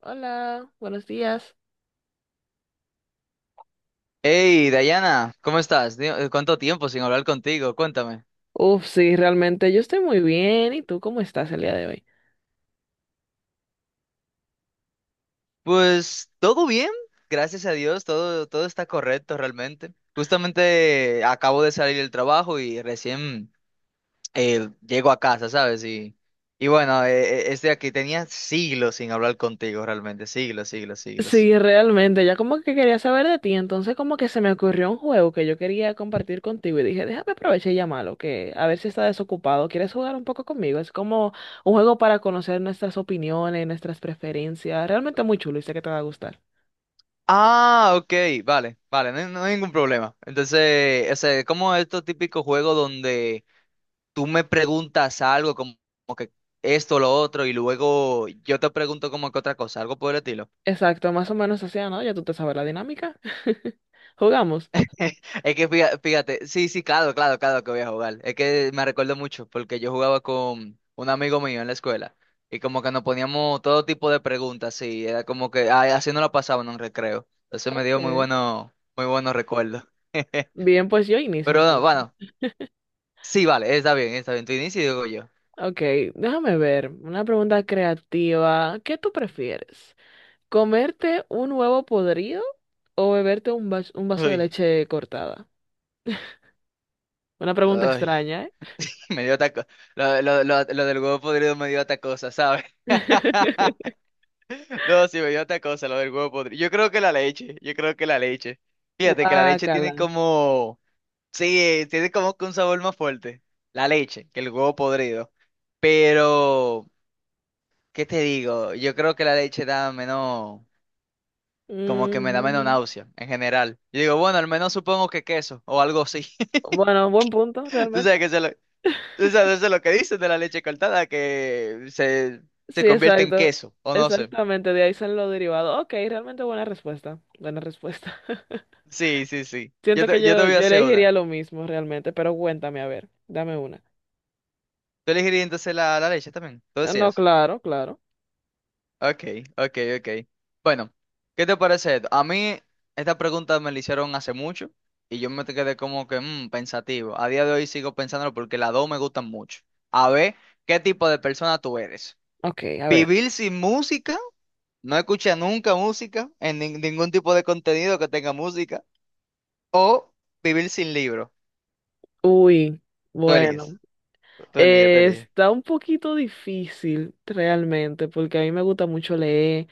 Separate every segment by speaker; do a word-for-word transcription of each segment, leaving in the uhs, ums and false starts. Speaker 1: Hola, buenos días.
Speaker 2: Hey, Dayana, ¿cómo estás? Di- eh, ¿Cuánto tiempo sin hablar contigo? Cuéntame.
Speaker 1: Uf, sí, realmente yo estoy muy bien. ¿Y tú cómo estás el día de hoy?
Speaker 2: Pues todo bien, gracias a Dios, todo, todo está correcto realmente. Justamente acabo de salir del trabajo y recién eh, llego a casa, ¿sabes? Y, y bueno, eh, eh, estoy aquí, tenía siglos sin hablar contigo realmente, siglos, siglos, siglos.
Speaker 1: Sí, realmente, ya como que quería saber de ti, entonces como que se me ocurrió un juego que yo quería compartir contigo y dije, déjame aprovechar y llamarlo, que a ver si está desocupado. ¿Quieres jugar un poco conmigo? Es como un juego para conocer nuestras opiniones, nuestras preferencias. Realmente muy chulo y sé que te va a gustar.
Speaker 2: Ah, ok, vale, vale, no, hay no hay ningún problema. Entonces, o sea, como estos típicos juegos donde tú me preguntas algo como, como que esto, lo otro, y luego yo te pregunto como que otra cosa, algo por el estilo.
Speaker 1: Exacto, más o menos así, ¿no? Ya tú te sabes la dinámica. Jugamos.
Speaker 2: Es que fíjate, fíjate, sí, sí, claro, claro, claro que voy a jugar. Es que me recuerdo mucho porque yo jugaba con un amigo mío en la escuela y como que nos poníamos todo tipo de preguntas y era como que ay, así no lo pasaba en un recreo. Entonces me dio muy
Speaker 1: Ok.
Speaker 2: bueno, muy buenos recuerdos.
Speaker 1: Bien, pues yo inicio
Speaker 2: Pero no,
Speaker 1: entonces.
Speaker 2: bueno, sí, vale, está bien, está bien. Tú inicio y digo yo.
Speaker 1: Ok, déjame ver. Una pregunta creativa. ¿Qué tú prefieres? ¿Comerte un huevo podrido o beberte un, vas- un vaso de
Speaker 2: Ay,
Speaker 1: leche cortada? Una pregunta
Speaker 2: ay.
Speaker 1: extraña, ¿eh?
Speaker 2: Me dio taco. Lo, lo, lo, lo del huevo podrido me dio tacosa, ¿sabes? No, sí, me dio tacosa, lo del huevo podrido. Yo creo que la leche, yo creo que la leche. Fíjate que la leche
Speaker 1: Guácala.
Speaker 2: tiene como. Sí, tiene como que un sabor más fuerte. La leche, que el huevo podrido. Pero, ¿qué te digo? Yo creo que la leche da menos. Como que me da menos
Speaker 1: Mm,
Speaker 2: náusea, en general. Yo digo, bueno, al menos supongo que queso o algo así.
Speaker 1: bueno, buen punto,
Speaker 2: Tú
Speaker 1: realmente.
Speaker 2: sabes que se lo- O sea, desde lo que dicen de la leche cortada, que se, se
Speaker 1: Sí,
Speaker 2: convierte en
Speaker 1: exacto.
Speaker 2: queso, o no sé.
Speaker 1: Exactamente, de ahí salen los derivados. Ok, realmente buena respuesta. Buena respuesta.
Speaker 2: Sí, sí, sí. Yo
Speaker 1: Siento que
Speaker 2: te, yo te
Speaker 1: yo,
Speaker 2: voy a
Speaker 1: yo
Speaker 2: hacer
Speaker 1: elegiría
Speaker 2: una.
Speaker 1: lo mismo realmente, pero cuéntame, a ver, dame una.
Speaker 2: ¿Tú elegirías entonces la, la leche también? ¿Tú
Speaker 1: Ah, no,
Speaker 2: decías?
Speaker 1: claro, claro.
Speaker 2: Ok, ok, ok. Bueno, ¿qué te parece esto? A mí esta pregunta me la hicieron hace mucho y yo me te quedé como que mm, pensativo. A día de hoy sigo pensándolo porque las dos me gustan mucho. A ver, ¿qué tipo de persona tú eres?
Speaker 1: Ok, a ver.
Speaker 2: ¿Vivir sin música? No escucha nunca música en nin- ningún tipo de contenido que tenga música. O vivir sin libro.
Speaker 1: Uy,
Speaker 2: Tú
Speaker 1: bueno.
Speaker 2: eliges, tú eliges, tú
Speaker 1: Eh,
Speaker 2: eliges.
Speaker 1: está un poquito difícil realmente, porque a mí me gusta mucho leer,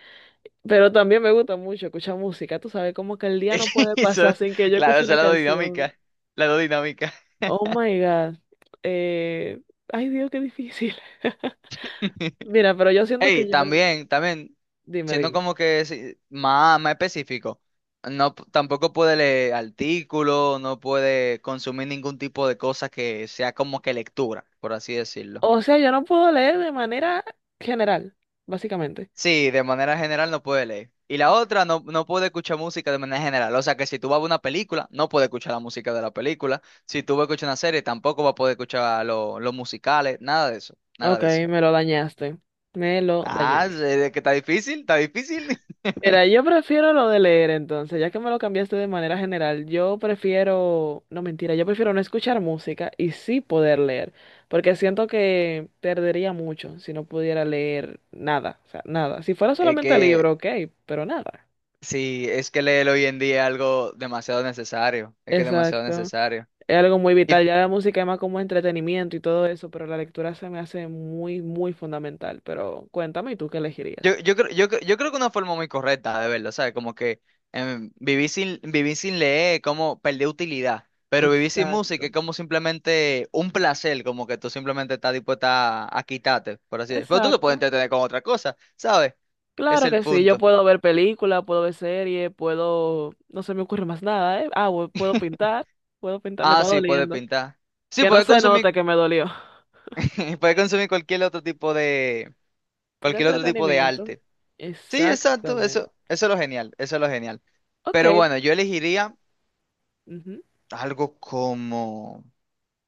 Speaker 1: pero también me gusta mucho escuchar música. Tú sabes, como que el día no puede
Speaker 2: Y
Speaker 1: pasar
Speaker 2: son-
Speaker 1: sin que yo escuche
Speaker 2: claro, son
Speaker 1: una
Speaker 2: las dos
Speaker 1: canción.
Speaker 2: dinámica la dos dinámicas.
Speaker 1: Oh my God. Eh, ay, Dios, qué difícil. Mira, pero yo siento
Speaker 2: Ey,
Speaker 1: que yo...
Speaker 2: también, también,
Speaker 1: Dime,
Speaker 2: siendo
Speaker 1: dime.
Speaker 2: como que si- más, más específico, no, p- tampoco puede leer artículos, no puede consumir ningún tipo de cosa que sea como que lectura, por así decirlo.
Speaker 1: O sea, yo no puedo leer de manera general, básicamente.
Speaker 2: Sí, de manera general no puede leer. Y la otra, no, no puede escuchar música de manera general. O sea que si tú vas a ver una película, no puede escuchar la música de la película. Si tú vas a escuchar una serie, tampoco va a poder escuchar lo- los musicales, nada de eso, nada
Speaker 1: Ok,
Speaker 2: de eso.
Speaker 1: me lo dañaste. Me lo
Speaker 2: Ah, sí,
Speaker 1: dañaste.
Speaker 2: es que está difícil, está difícil.
Speaker 1: Mira, yo prefiero lo de leer entonces, ya que me lo cambiaste de manera general. Yo prefiero, no mentira, yo prefiero no escuchar música y sí poder leer, porque siento que perdería mucho si no pudiera leer nada, o sea, nada. Si fuera
Speaker 2: Es
Speaker 1: solamente
Speaker 2: que
Speaker 1: libro, ok, pero nada.
Speaker 2: sí, es que leer hoy en día es algo demasiado necesario. Es que es demasiado
Speaker 1: Exacto.
Speaker 2: necesario.
Speaker 1: Es algo muy vital. Ya la música es más como entretenimiento y todo eso, pero la lectura se me hace muy, muy fundamental. Pero cuéntame, ¿y tú qué elegirías?
Speaker 2: Yo, yo, creo- yo, creo- yo creo que una forma muy correcta de verlo, ¿sabes? Como que em, vivir sin, vivir sin leer es como perder utilidad, pero vivir sin música
Speaker 1: Exacto.
Speaker 2: es como simplemente un placer, como que tú simplemente estás dispuesta a, a quitarte, por así decirlo. Pero tú te puedes
Speaker 1: Exacto.
Speaker 2: entretener con otra cosa, ¿sabes? Es
Speaker 1: Claro
Speaker 2: el
Speaker 1: que sí, yo
Speaker 2: punto.
Speaker 1: puedo ver películas, puedo ver series, puedo... No se me ocurre más nada, ¿eh? Ah, bu- puedo pintar, puedo pintar, me
Speaker 2: Ah,
Speaker 1: está
Speaker 2: sí, puedes
Speaker 1: doliendo.
Speaker 2: pintar. Sí,
Speaker 1: Que no
Speaker 2: puedes
Speaker 1: se
Speaker 2: consumir,
Speaker 1: note que me dolió.
Speaker 2: puedes consumir cualquier otro tipo de,
Speaker 1: De
Speaker 2: cualquier otro tipo de
Speaker 1: entretenimiento.
Speaker 2: arte. Sí, exacto,
Speaker 1: Exactamente.
Speaker 2: eso, eso es lo genial, eso es lo genial.
Speaker 1: Ok.
Speaker 2: Pero bueno, yo elegiría
Speaker 1: Ujú.
Speaker 2: algo como.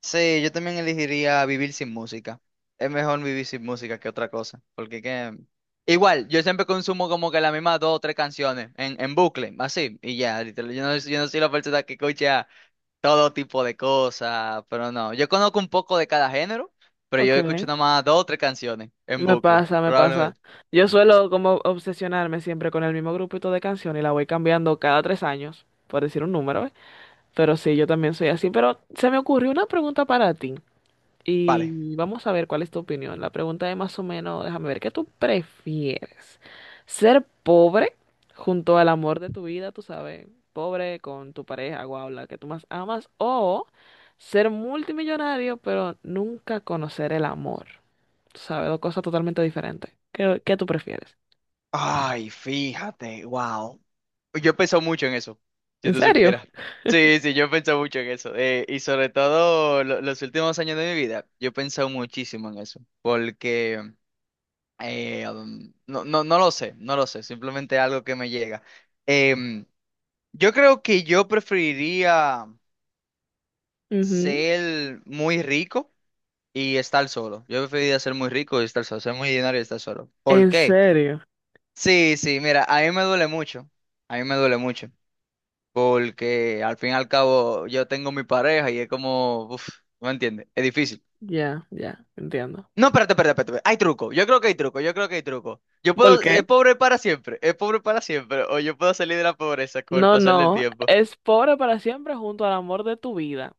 Speaker 2: Sí, yo también elegiría vivir sin música. Es mejor vivir sin música que otra cosa. Porque que. Igual, yo siempre consumo como que las mismas dos o tres canciones en, en bucle, así, y ya, literal. Yo no, yo no soy la persona que escucha todo tipo de cosas, pero no. Yo conozco un poco de cada género, pero yo
Speaker 1: Ok.
Speaker 2: escucho nada más dos o tres canciones en
Speaker 1: Me
Speaker 2: bucle,
Speaker 1: pasa, me pasa.
Speaker 2: probablemente.
Speaker 1: Yo suelo como obsesionarme siempre con el mismo grupito de canciones y la voy cambiando cada tres años, por decir un número, ¿eh? Pero sí, yo también soy así. Pero se me ocurrió una pregunta para ti.
Speaker 2: Vale.
Speaker 1: Y vamos a ver cuál es tu opinión. La pregunta es más o menos, déjame ver, ¿qué tú prefieres? ¿Ser pobre junto al amor de tu vida, tú sabes? Pobre con tu pareja, guau, la que tú más amas, o ser multimillonario, pero nunca conocer el amor. Tú sabes, dos cosas totalmente diferentes. ¿Qué, qué tú prefieres?
Speaker 2: Ay, fíjate, wow. Yo he pensado mucho en eso, si
Speaker 1: ¿En
Speaker 2: tú
Speaker 1: serio?
Speaker 2: supieras. Sí, sí, yo he pensado mucho en eso. eh, y sobre todo lo- los últimos años de mi vida, yo he pensado muchísimo en eso. Porque eh, um, no, no, no lo sé, no lo sé, simplemente algo que me llega. Em, yo creo que yo preferiría
Speaker 1: Ujú.
Speaker 2: ser muy rico y estar solo. Yo preferiría ser muy rico y estar solo, ser muy dinero y estar solo. ¿Por
Speaker 1: ¿En
Speaker 2: qué?
Speaker 1: serio?
Speaker 2: Sí, sí, mira, a mí me duele mucho. A mí me duele mucho. porque al fin y al cabo yo tengo mi pareja y es como, uff, no me entiendes, es difícil.
Speaker 1: Ya, ya, entiendo.
Speaker 2: No, espérate, espérate, espérate, espérate. hay truco, yo creo que hay truco, yo creo que hay truco. Yo
Speaker 1: ¿Por
Speaker 2: puedo,
Speaker 1: qué?
Speaker 2: es pobre para siempre, es pobre para siempre, o yo puedo salir de la pobreza con el
Speaker 1: No,
Speaker 2: pasar del
Speaker 1: no,
Speaker 2: tiempo.
Speaker 1: es pobre para siempre junto al amor de tu vida.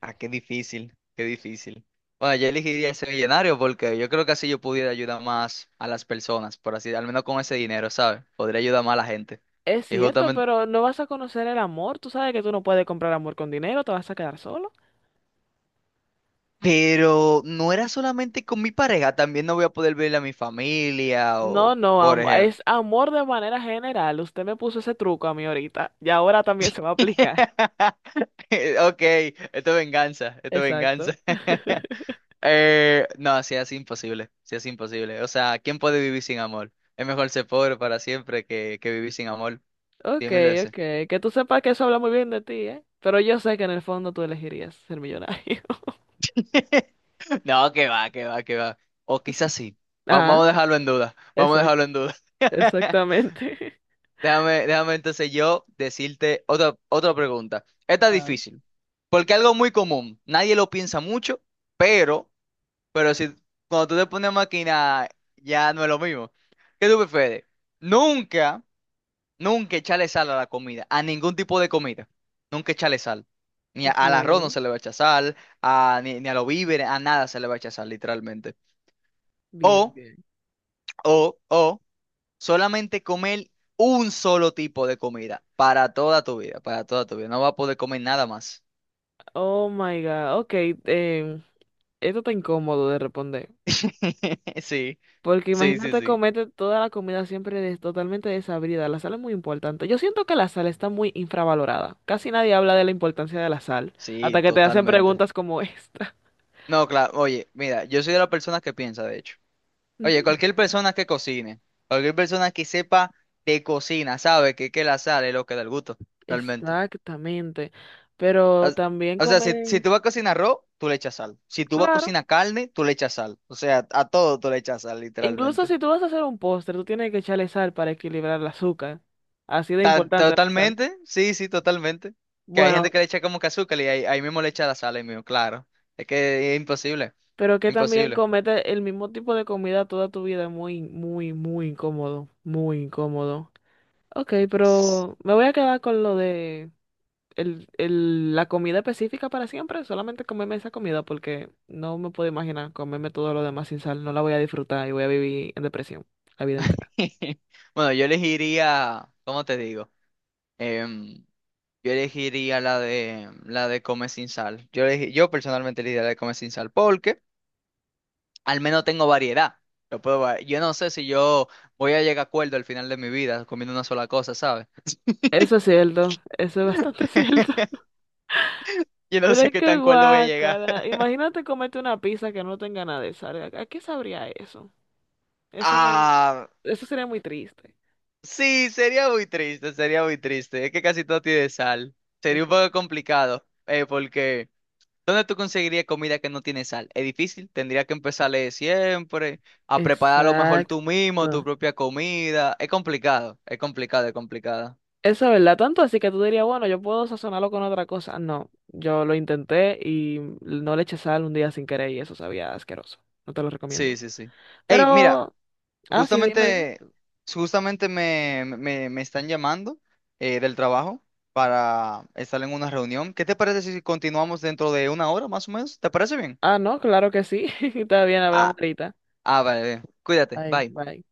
Speaker 2: Ah, qué difícil, qué difícil. Bueno, yo elegiría ser millonario porque yo creo que así yo pudiera ayudar más a las personas, por así, al menos con ese dinero, ¿sabes? Podría ayudar más a la gente.
Speaker 1: Es
Speaker 2: Y
Speaker 1: cierto,
Speaker 2: justamente
Speaker 1: pero no vas a conocer el amor. Tú sabes que tú no puedes comprar amor con dinero, te vas a quedar solo.
Speaker 2: Pero no era solamente con mi pareja, también no voy a poder verle a mi familia
Speaker 1: No,
Speaker 2: o,
Speaker 1: no,
Speaker 2: por
Speaker 1: am-
Speaker 2: ejemplo.
Speaker 1: es amor de manera general. Usted me puso ese truco a mí ahorita y ahora también se va a aplicar.
Speaker 2: Ok, esto es venganza, esto es
Speaker 1: Exacto.
Speaker 2: venganza. Eh, no, sí, es imposible, sí, es imposible. O sea, ¿quién puede vivir sin amor? Es mejor ser pobre para siempre que, que, vivir sin amor,
Speaker 1: Ok,
Speaker 2: diez mil
Speaker 1: ok.
Speaker 2: veces.
Speaker 1: Que tú sepas que eso habla muy bien de ti, ¿eh? Pero yo sé que en el fondo tú elegirías ser millonario.
Speaker 2: No, que va, que va, que va. O quizás sí. Va-
Speaker 1: Ah,
Speaker 2: vamos a dejarlo en duda, vamos a
Speaker 1: exact
Speaker 2: dejarlo en duda.
Speaker 1: exactamente.
Speaker 2: Déjame, déjame entonces yo decirte otra, otra pregunta. Esta es
Speaker 1: Claro.
Speaker 2: difícil, porque algo muy común, nadie lo piensa mucho, pero, pero si cuando tú te pones a maquinar, ya no es lo mismo. ¿Qué tú prefieres? Nunca, nunca echarle sal a la comida, a ningún tipo de comida. Nunca echarle sal. Ni a-
Speaker 1: Ok,
Speaker 2: al arroz no se le va a echar sal, a, ni, ni a los víveres, a nada se le va a echar sal, literalmente.
Speaker 1: bien,
Speaker 2: O,
Speaker 1: bien.
Speaker 2: o, o solamente comer un solo tipo de comida para toda tu vida, para toda tu vida. No vas a poder comer nada más.
Speaker 1: Oh my God. Ok, em, esto está incómodo de responder.
Speaker 2: Sí,
Speaker 1: Porque
Speaker 2: sí, sí,
Speaker 1: imagínate
Speaker 2: sí.
Speaker 1: comerte toda la comida siempre des- totalmente desabrida. La sal es muy importante. Yo siento que la sal está muy infravalorada. Casi nadie habla de la importancia de la sal,
Speaker 2: Sí,
Speaker 1: hasta que te hacen
Speaker 2: totalmente.
Speaker 1: preguntas como esta.
Speaker 2: No, claro, oye, mira, yo soy de la persona que piensa, de hecho. Oye,
Speaker 1: Ujú.
Speaker 2: cualquier persona que cocine, cualquier persona que sepa de cocina, sabe que, que, la sal es lo que da el gusto, realmente.
Speaker 1: Exactamente. Pero
Speaker 2: As-
Speaker 1: también
Speaker 2: O sea, si, si
Speaker 1: comer,
Speaker 2: tú vas a cocinar arroz, tú le echas sal. Si tú vas a
Speaker 1: claro.
Speaker 2: cocinar carne, tú le echas sal. O sea, a todo tú le echas sal,
Speaker 1: Incluso
Speaker 2: literalmente.
Speaker 1: si tú vas a hacer un postre, tú tienes que echarle sal para equilibrar el azúcar. Así de
Speaker 2: Ta-
Speaker 1: importante la sal.
Speaker 2: totalmente, sí, sí, totalmente. Que hay gente
Speaker 1: Bueno,
Speaker 2: que le echa como que azúcar y ahí, ahí mismo le echa la sal, ahí mismo, claro. Es que es imposible,
Speaker 1: pero que también
Speaker 2: imposible.
Speaker 1: comete el mismo tipo de comida toda tu vida es muy, muy, muy incómodo. Muy incómodo. Ok,
Speaker 2: S-
Speaker 1: pero me voy a quedar con lo de el, el- la comida específica para siempre, solamente comerme esa comida porque no me puedo imaginar comerme todo lo demás sin sal, no la voy a disfrutar y voy a vivir en depresión la vida entera.
Speaker 2: Bueno, yo elegiría, ¿cómo te digo? Em, yo elegiría la de la de comer sin sal. Yo elegi- yo personalmente elegiría la de comer sin sal porque al menos tengo variedad. Lo puedo, va- yo no sé si yo voy a llegar a acuerdo al final de mi vida comiendo una sola cosa, ¿sabes?
Speaker 1: Eso es cierto, eso es bastante cierto.
Speaker 2: Yo no
Speaker 1: Pero
Speaker 2: sé
Speaker 1: es
Speaker 2: qué
Speaker 1: que
Speaker 2: tan cuerdo voy a llegar.
Speaker 1: guácala. Imagínate comerte una pizza que no tenga nada de sal. ¿A a qué sabría eso? Eso no,
Speaker 2: Ah,
Speaker 1: eso sería muy triste.
Speaker 2: sí, sería muy triste, sería muy triste. Es que casi todo tiene sal. Sería un
Speaker 1: Esa-
Speaker 2: poco complicado, eh, porque ¿dónde tú conseguirías comida que no tiene sal? Es difícil, tendrías que empezar de siempre, a preparar a lo mejor tú mismo tu
Speaker 1: Exacto.
Speaker 2: propia comida. Es complicado, es complicado, es complicado.
Speaker 1: Eso es verdad, tanto así que tú dirías, bueno, yo puedo sazonarlo con otra cosa. No, yo lo intenté y no le eché sal un día sin querer y eso sabía asqueroso. No te lo recomiendo.
Speaker 2: Sí, sí, sí. Hey, mira,
Speaker 1: Pero, ah, sí, dime, dime.
Speaker 2: justamente, justamente me, me, me están llamando eh, del trabajo para estar en una reunión. ¿Qué te parece si continuamos dentro de una hora más o menos? ¿Te parece bien?
Speaker 1: Ah, no, claro que sí. Está bien, hablamos
Speaker 2: Ah,
Speaker 1: ahorita.
Speaker 2: ah, vale, bien. Cuídate,
Speaker 1: Bye,
Speaker 2: bye.
Speaker 1: bye.